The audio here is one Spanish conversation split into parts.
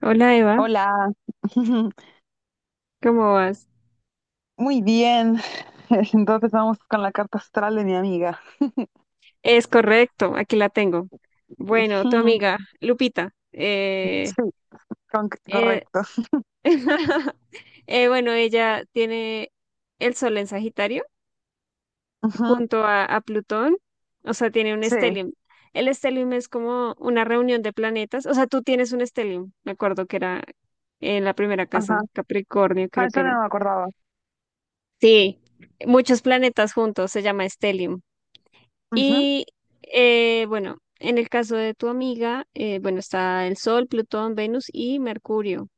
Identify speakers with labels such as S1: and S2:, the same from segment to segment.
S1: Hola Eva,
S2: Hola.
S1: ¿cómo vas?
S2: Muy bien. Entonces vamos con la carta astral de mi amiga.
S1: Es correcto, aquí la tengo. Bueno, tu amiga Lupita.
S2: Sí,
S1: Eh,
S2: correcto.
S1: bueno, ella tiene el Sol en Sagitario
S2: Ujú.
S1: junto a Plutón, o sea, tiene un
S2: Sí,
S1: stellium. El stellium es como una reunión de planetas, o sea, tú tienes un stellium, me acuerdo que era en la primera casa,
S2: ajá.
S1: Capricornio
S2: Ah,
S1: creo que
S2: eso
S1: era.
S2: no me acordaba.
S1: Sí, muchos planetas juntos, se llama stellium.
S2: Ujú,
S1: Y bueno, en el caso de tu amiga, bueno, está el Sol, Plutón, Venus y Mercurio.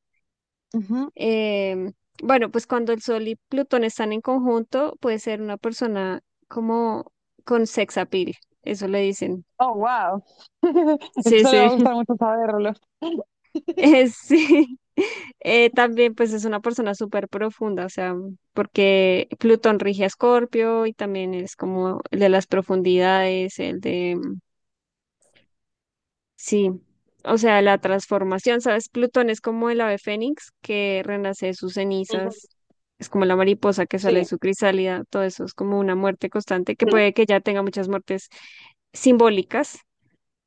S2: ujú.
S1: Em, bueno, pues cuando el Sol y Plutón están en conjunto, puede ser una persona como con sex appeal, eso le dicen.
S2: Oh, wow.
S1: Sí,
S2: Eso le va
S1: sí.
S2: a gustar mucho saberlo.
S1: Sí. También pues es una persona súper profunda, o sea, porque Plutón rige a Escorpio y también es como el de las profundidades, el de sí, o sea, la transformación, ¿sabes? Plutón es como el ave fénix que renace de sus
S2: Ujú.
S1: cenizas, es como la mariposa que sale de
S2: Sí.
S1: su crisálida, todo eso es como una muerte constante, que
S2: Ujú.
S1: puede que ya tenga muchas muertes simbólicas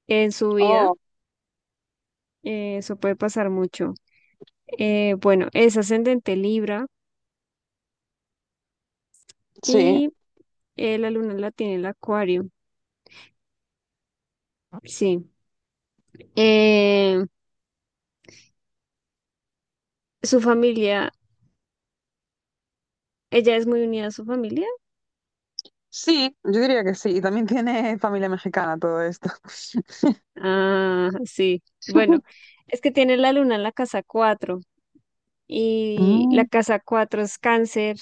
S1: en su vida,
S2: Oh,
S1: eso puede pasar mucho. Bueno, es ascendente Libra
S2: sí.
S1: y la luna la tiene el Acuario, sí. Eh, Su familia, ella es muy unida a su familia.
S2: Sí, yo diría que sí. Y también tiene familia mexicana todo esto.
S1: Ah, sí. Bueno, es que tiene la luna en la casa 4 y la
S2: Mm,
S1: casa 4 es cáncer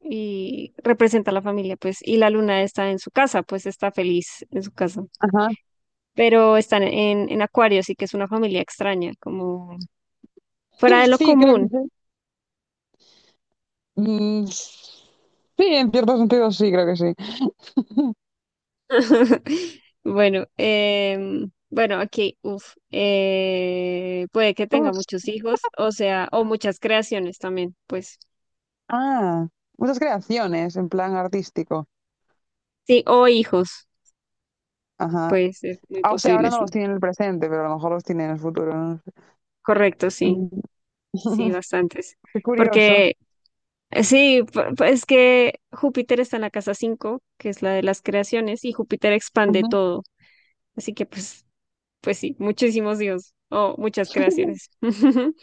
S1: y representa a la familia, pues, y la luna está en su casa, pues está feliz en su casa.
S2: ajá.
S1: Pero están en Acuario, así que es una familia extraña, como fuera de lo
S2: Sí, creo que
S1: común.
S2: sí. Mm, sí, en cierto sentido sí, creo que sí.
S1: Bueno, bueno, aquí, uf, puede que tenga muchos hijos, o sea, o muchas creaciones también, pues.
S2: Ah, muchas creaciones en plan artístico.
S1: Sí, o hijos,
S2: Ajá.
S1: puede ser muy
S2: Ah, o sea, ahora
S1: posible,
S2: no los
S1: sí.
S2: tiene en el presente, pero a lo mejor los tiene en el futuro. No sé.
S1: Correcto, sí,
S2: Mm.
S1: sí, bastantes.
S2: Qué curioso.
S1: Porque sí, es que Júpiter está en la casa 5, que es la de las creaciones, y Júpiter expande
S2: Ujú.
S1: todo. Así que pues sí, muchísimos dios o muchas creaciones.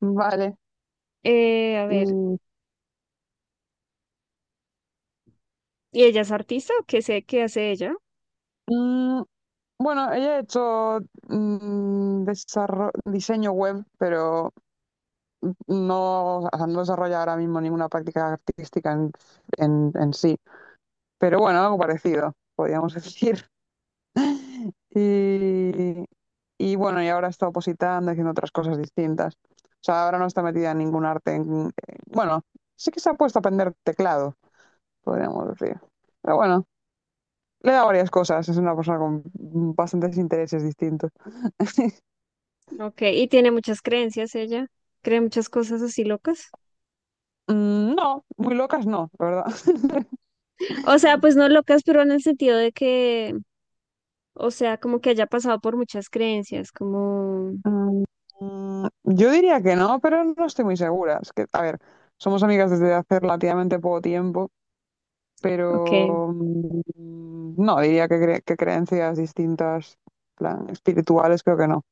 S2: Vale.
S1: A ver,
S2: Y,
S1: ¿y ella es artista o qué sé qué hace ella?
S2: mm, bueno, ella ha hecho diseño web, pero no, o sea, no desarrolla ahora mismo ninguna práctica artística en sí. Pero bueno, algo parecido, podríamos decir. Y, y bueno, y ahora está opositando, haciendo otras cosas distintas. O sea, ahora no está metida en ningún arte. Bueno, sí que se ha puesto a aprender teclado, podríamos decir. Pero bueno, le da varias cosas. Es una persona con bastantes intereses distintos.
S1: Ok, y tiene muchas creencias ella. Cree muchas cosas así locas.
S2: Mm, no, muy locas no, la verdad.
S1: O sea, pues no locas, pero en el sentido de que, o sea, como que haya pasado por muchas creencias, como,
S2: Mm, Yo diría que no, pero no estoy muy segura. Es que, a ver, somos amigas desde hace relativamente poco tiempo.
S1: ok.
S2: Pero no, diría que, que creencias distintas, plan, espirituales, creo que no.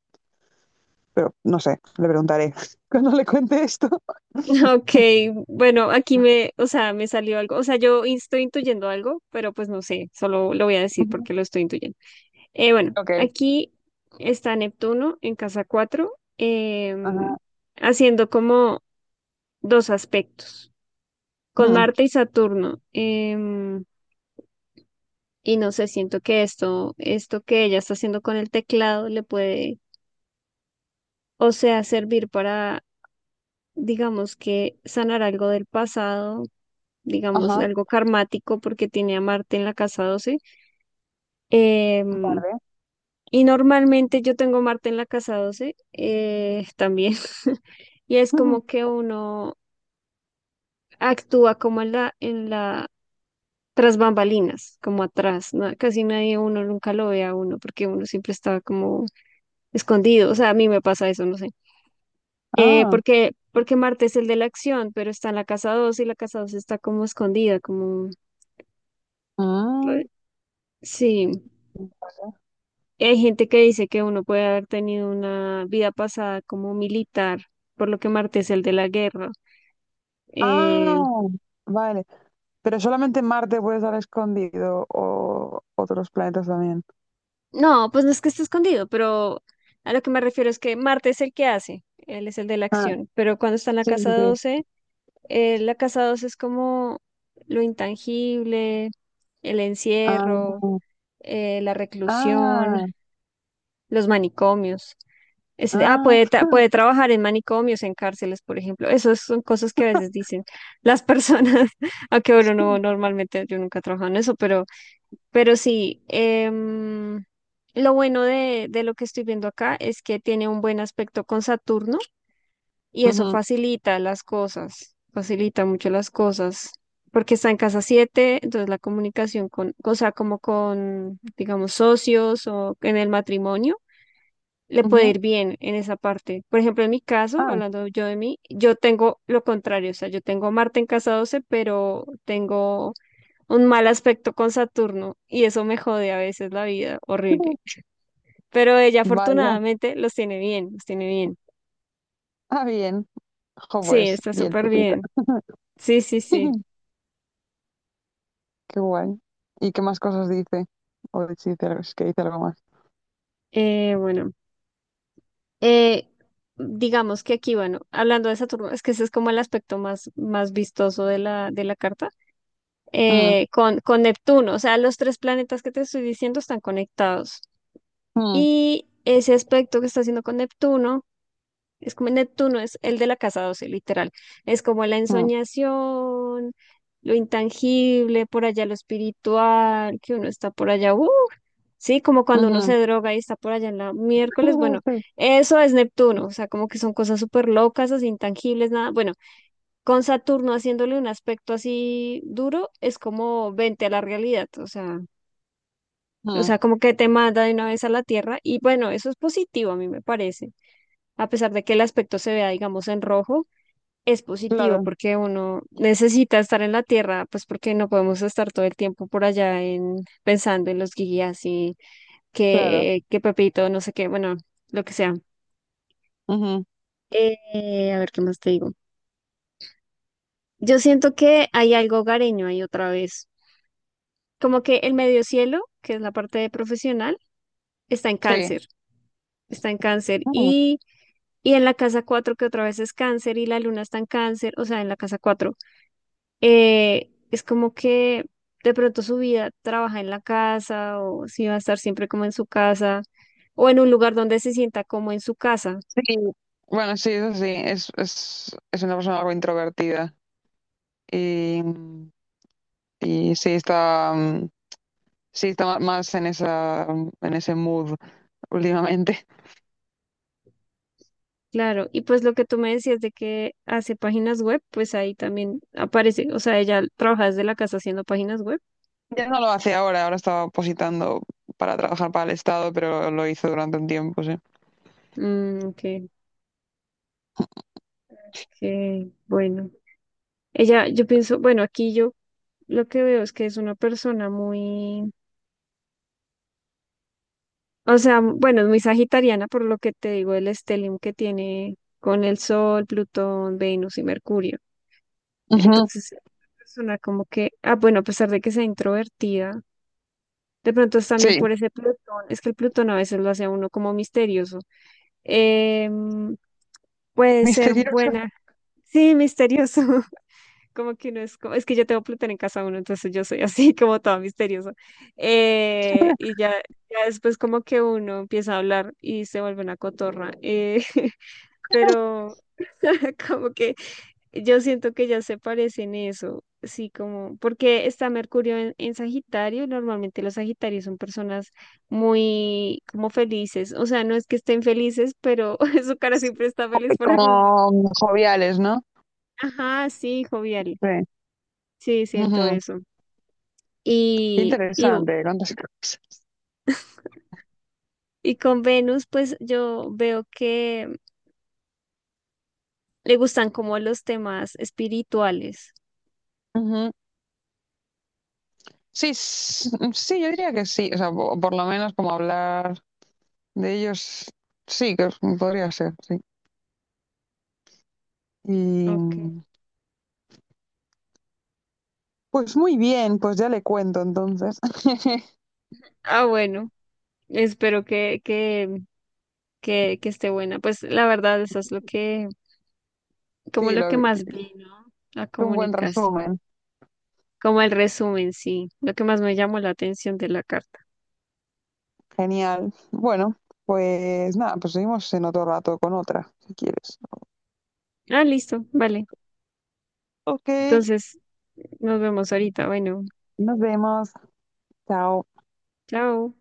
S2: Pero no sé, le preguntaré cuando le cuente esto.
S1: Ok, bueno, aquí me, o sea, me salió algo, o sea, estoy intuyendo algo, pero pues no sé, solo lo voy a decir
S2: Ujú.
S1: porque lo estoy intuyendo. Bueno,
S2: Ok.
S1: aquí está Neptuno en casa 4,
S2: Ajá.
S1: haciendo como dos aspectos, con
S2: Mm.
S1: Marte y Saturno. Y no sé, siento que esto que ella está haciendo con el teclado le puede, o sea, servir para, digamos que sanar algo del pasado, digamos,
S2: Ajá.
S1: algo karmático porque tiene a Marte en la casa 12. Em,
S2: Vale.
S1: y normalmente yo tengo Marte en la casa 12, también. Y es
S2: Ujú.
S1: como que uno actúa como tras bambalinas, como atrás, ¿no? Casi nadie, uno nunca lo ve a uno, porque uno siempre está como escondido, o sea, a mí me pasa eso, no sé. Eh,
S2: Ah.
S1: porque, porque Marte es el de la acción, pero está en la casa doce y la casa doce está como escondida, como...
S2: Mm.
S1: Sí, hay gente que dice que uno puede haber tenido una vida pasada como militar, por lo que Marte es el de la guerra. Eh,
S2: Ah, vale. Pero solamente en Marte puede estar escondido o otros planetas también.
S1: no, pues no es que esté escondido, pero a lo que me refiero es que Marte es el que hace, él es el de la
S2: Ah,
S1: acción, pero cuando está en la
S2: sí, sí,
S1: casa
S2: sí.
S1: doce la casa 12 es como lo intangible, el
S2: Ah,
S1: encierro, la reclusión,
S2: ah,
S1: los manicomios. Puede,
S2: ah.
S1: puede trabajar en manicomios, en cárceles, por ejemplo. Esas son cosas que a veces dicen las personas, aunque bueno, no, normalmente yo nunca he trabajado en eso, pero, sí, lo bueno de lo que estoy viendo acá es que tiene un buen aspecto con Saturno y eso
S2: Ujú,
S1: facilita las cosas, facilita mucho las cosas, porque está en casa siete, entonces la comunicación con, o sea, como con, digamos, socios o en el matrimonio le puede
S2: ujú.
S1: ir bien en esa parte. Por ejemplo, en mi caso,
S2: Ah.
S1: hablando yo de mí, yo tengo lo contrario, o sea, yo tengo Marte en casa 12, pero tengo un mal aspecto con Saturno y eso me jode a veces la vida, horrible. Pero ella
S2: Vaya.
S1: afortunadamente los tiene bien, los tiene bien.
S2: Ah, bien. Jo,
S1: Sí,
S2: pues,
S1: está
S2: bien
S1: súper
S2: tupita.
S1: bien. Sí, sí, sí.
S2: Qué guay. ¿Y qué más cosas dice? O si dice algo, es que dice algo más.
S1: Bueno, eh, digamos que aquí, bueno, hablando de Saturno, es que ese es como el aspecto más, más vistoso de la, carta,
S2: Mm,
S1: con Neptuno. O sea, los tres planetas que te estoy diciendo están conectados.
S2: mm,
S1: Y ese aspecto que está haciendo con Neptuno, es como Neptuno, es el de la casa 12, literal. Es como la
S2: mm,
S1: ensoñación, lo intangible, por allá lo espiritual, que uno está por allá, ¡uh! Sí, como cuando uno
S2: ujú.
S1: se droga y está por allá en la miércoles, bueno,
S2: Sí,
S1: eso es Neptuno, o sea, como que son cosas súper locas, así intangibles, nada, bueno, con Saturno haciéndole un aspecto así duro, es como vente a la realidad, o sea, o
S2: mm,
S1: sea, como que te manda de una vez a la Tierra y bueno, eso es positivo a mí me parece. A pesar de que el aspecto se vea, digamos, en rojo, es positivo
S2: claro,
S1: porque uno necesita estar en la Tierra, pues porque no podemos estar todo el tiempo por allá en pensando en los guías y
S2: claro.
S1: que Pepito, no sé qué, bueno, lo que sea.
S2: Ujú,
S1: A ver qué más te digo. Yo siento que hay algo hogareño ahí otra vez, como que el medio cielo, que es la parte de profesional, está en
S2: sí,
S1: cáncer, está en cáncer
S2: mm,
S1: y en la casa 4 que otra vez es cáncer y la luna está en cáncer, o sea, en la casa cuatro, es como que de pronto su vida trabaja en la casa o si va a estar siempre como en su casa o en un lugar donde se sienta como en su casa.
S2: sí. Bueno, sí, eso sí. Es una persona algo introvertida. Y, y sí está, sí está más en esa, en ese mood últimamente.
S1: Claro, y pues lo que tú me decías de que hace páginas web, pues ahí también aparece, o sea, ella trabaja desde la casa haciendo páginas web.
S2: Ya no lo hace ahora, ahora estaba positando para trabajar para el Estado, pero lo hizo durante un tiempo, sí.
S1: Mm, ok, ok, bueno. Ella, yo pienso, bueno, aquí yo lo que veo es que es una persona muy, o sea, bueno, es muy sagitariana por lo que te digo, el stellium que tiene con el Sol, Plutón, Venus y Mercurio. Entonces, es una persona como que, ah, bueno, a pesar de que sea introvertida, de pronto es también
S2: Sí,
S1: por ese Plutón, es que el Plutón a veces lo hace a uno como misterioso. Em, Puede ser
S2: misteriosos.
S1: buena, sí, misterioso. Como que no es como, es que yo tengo Plutón en casa uno, entonces yo soy así como toda misteriosa. Y ya, ya después como que uno empieza a hablar y se vuelve una cotorra. Pero como que yo siento que ya se parecen eso, sí, como, porque está Mercurio en Sagitario, y normalmente los Sagitarios son personas muy como felices, o sea, no es que estén felices, pero su cara siempre está feliz por algún motivo.
S2: Como joviales, ¿no?
S1: Ajá, sí, jovial,
S2: Sí.
S1: sí, siento
S2: Ujú.
S1: eso.
S2: Qué
S1: Y, y,
S2: interesante.
S1: y con Venus, pues yo veo que le gustan como los temas espirituales.
S2: Ujú. Sí, sí, yo diría que sí. O sea, por, lo menos como hablar de ellos, sí, podría ser, sí. Y
S1: Okay.
S2: pues muy bien, pues ya le cuento entonces.
S1: Ah, bueno, espero que esté buena. Pues la verdad, eso es lo que, como
S2: Sí,
S1: lo que
S2: es
S1: más vi, ¿no? La
S2: un buen
S1: comunicación.
S2: resumen.
S1: Como el resumen, sí. Lo que más me llamó la atención de la carta.
S2: Genial. Bueno, pues nada, pues seguimos en otro rato con otra, si quieres.
S1: Ah, listo, vale.
S2: Ok,
S1: Entonces, nos vemos ahorita. Bueno,
S2: nos vemos. Chao.
S1: chao.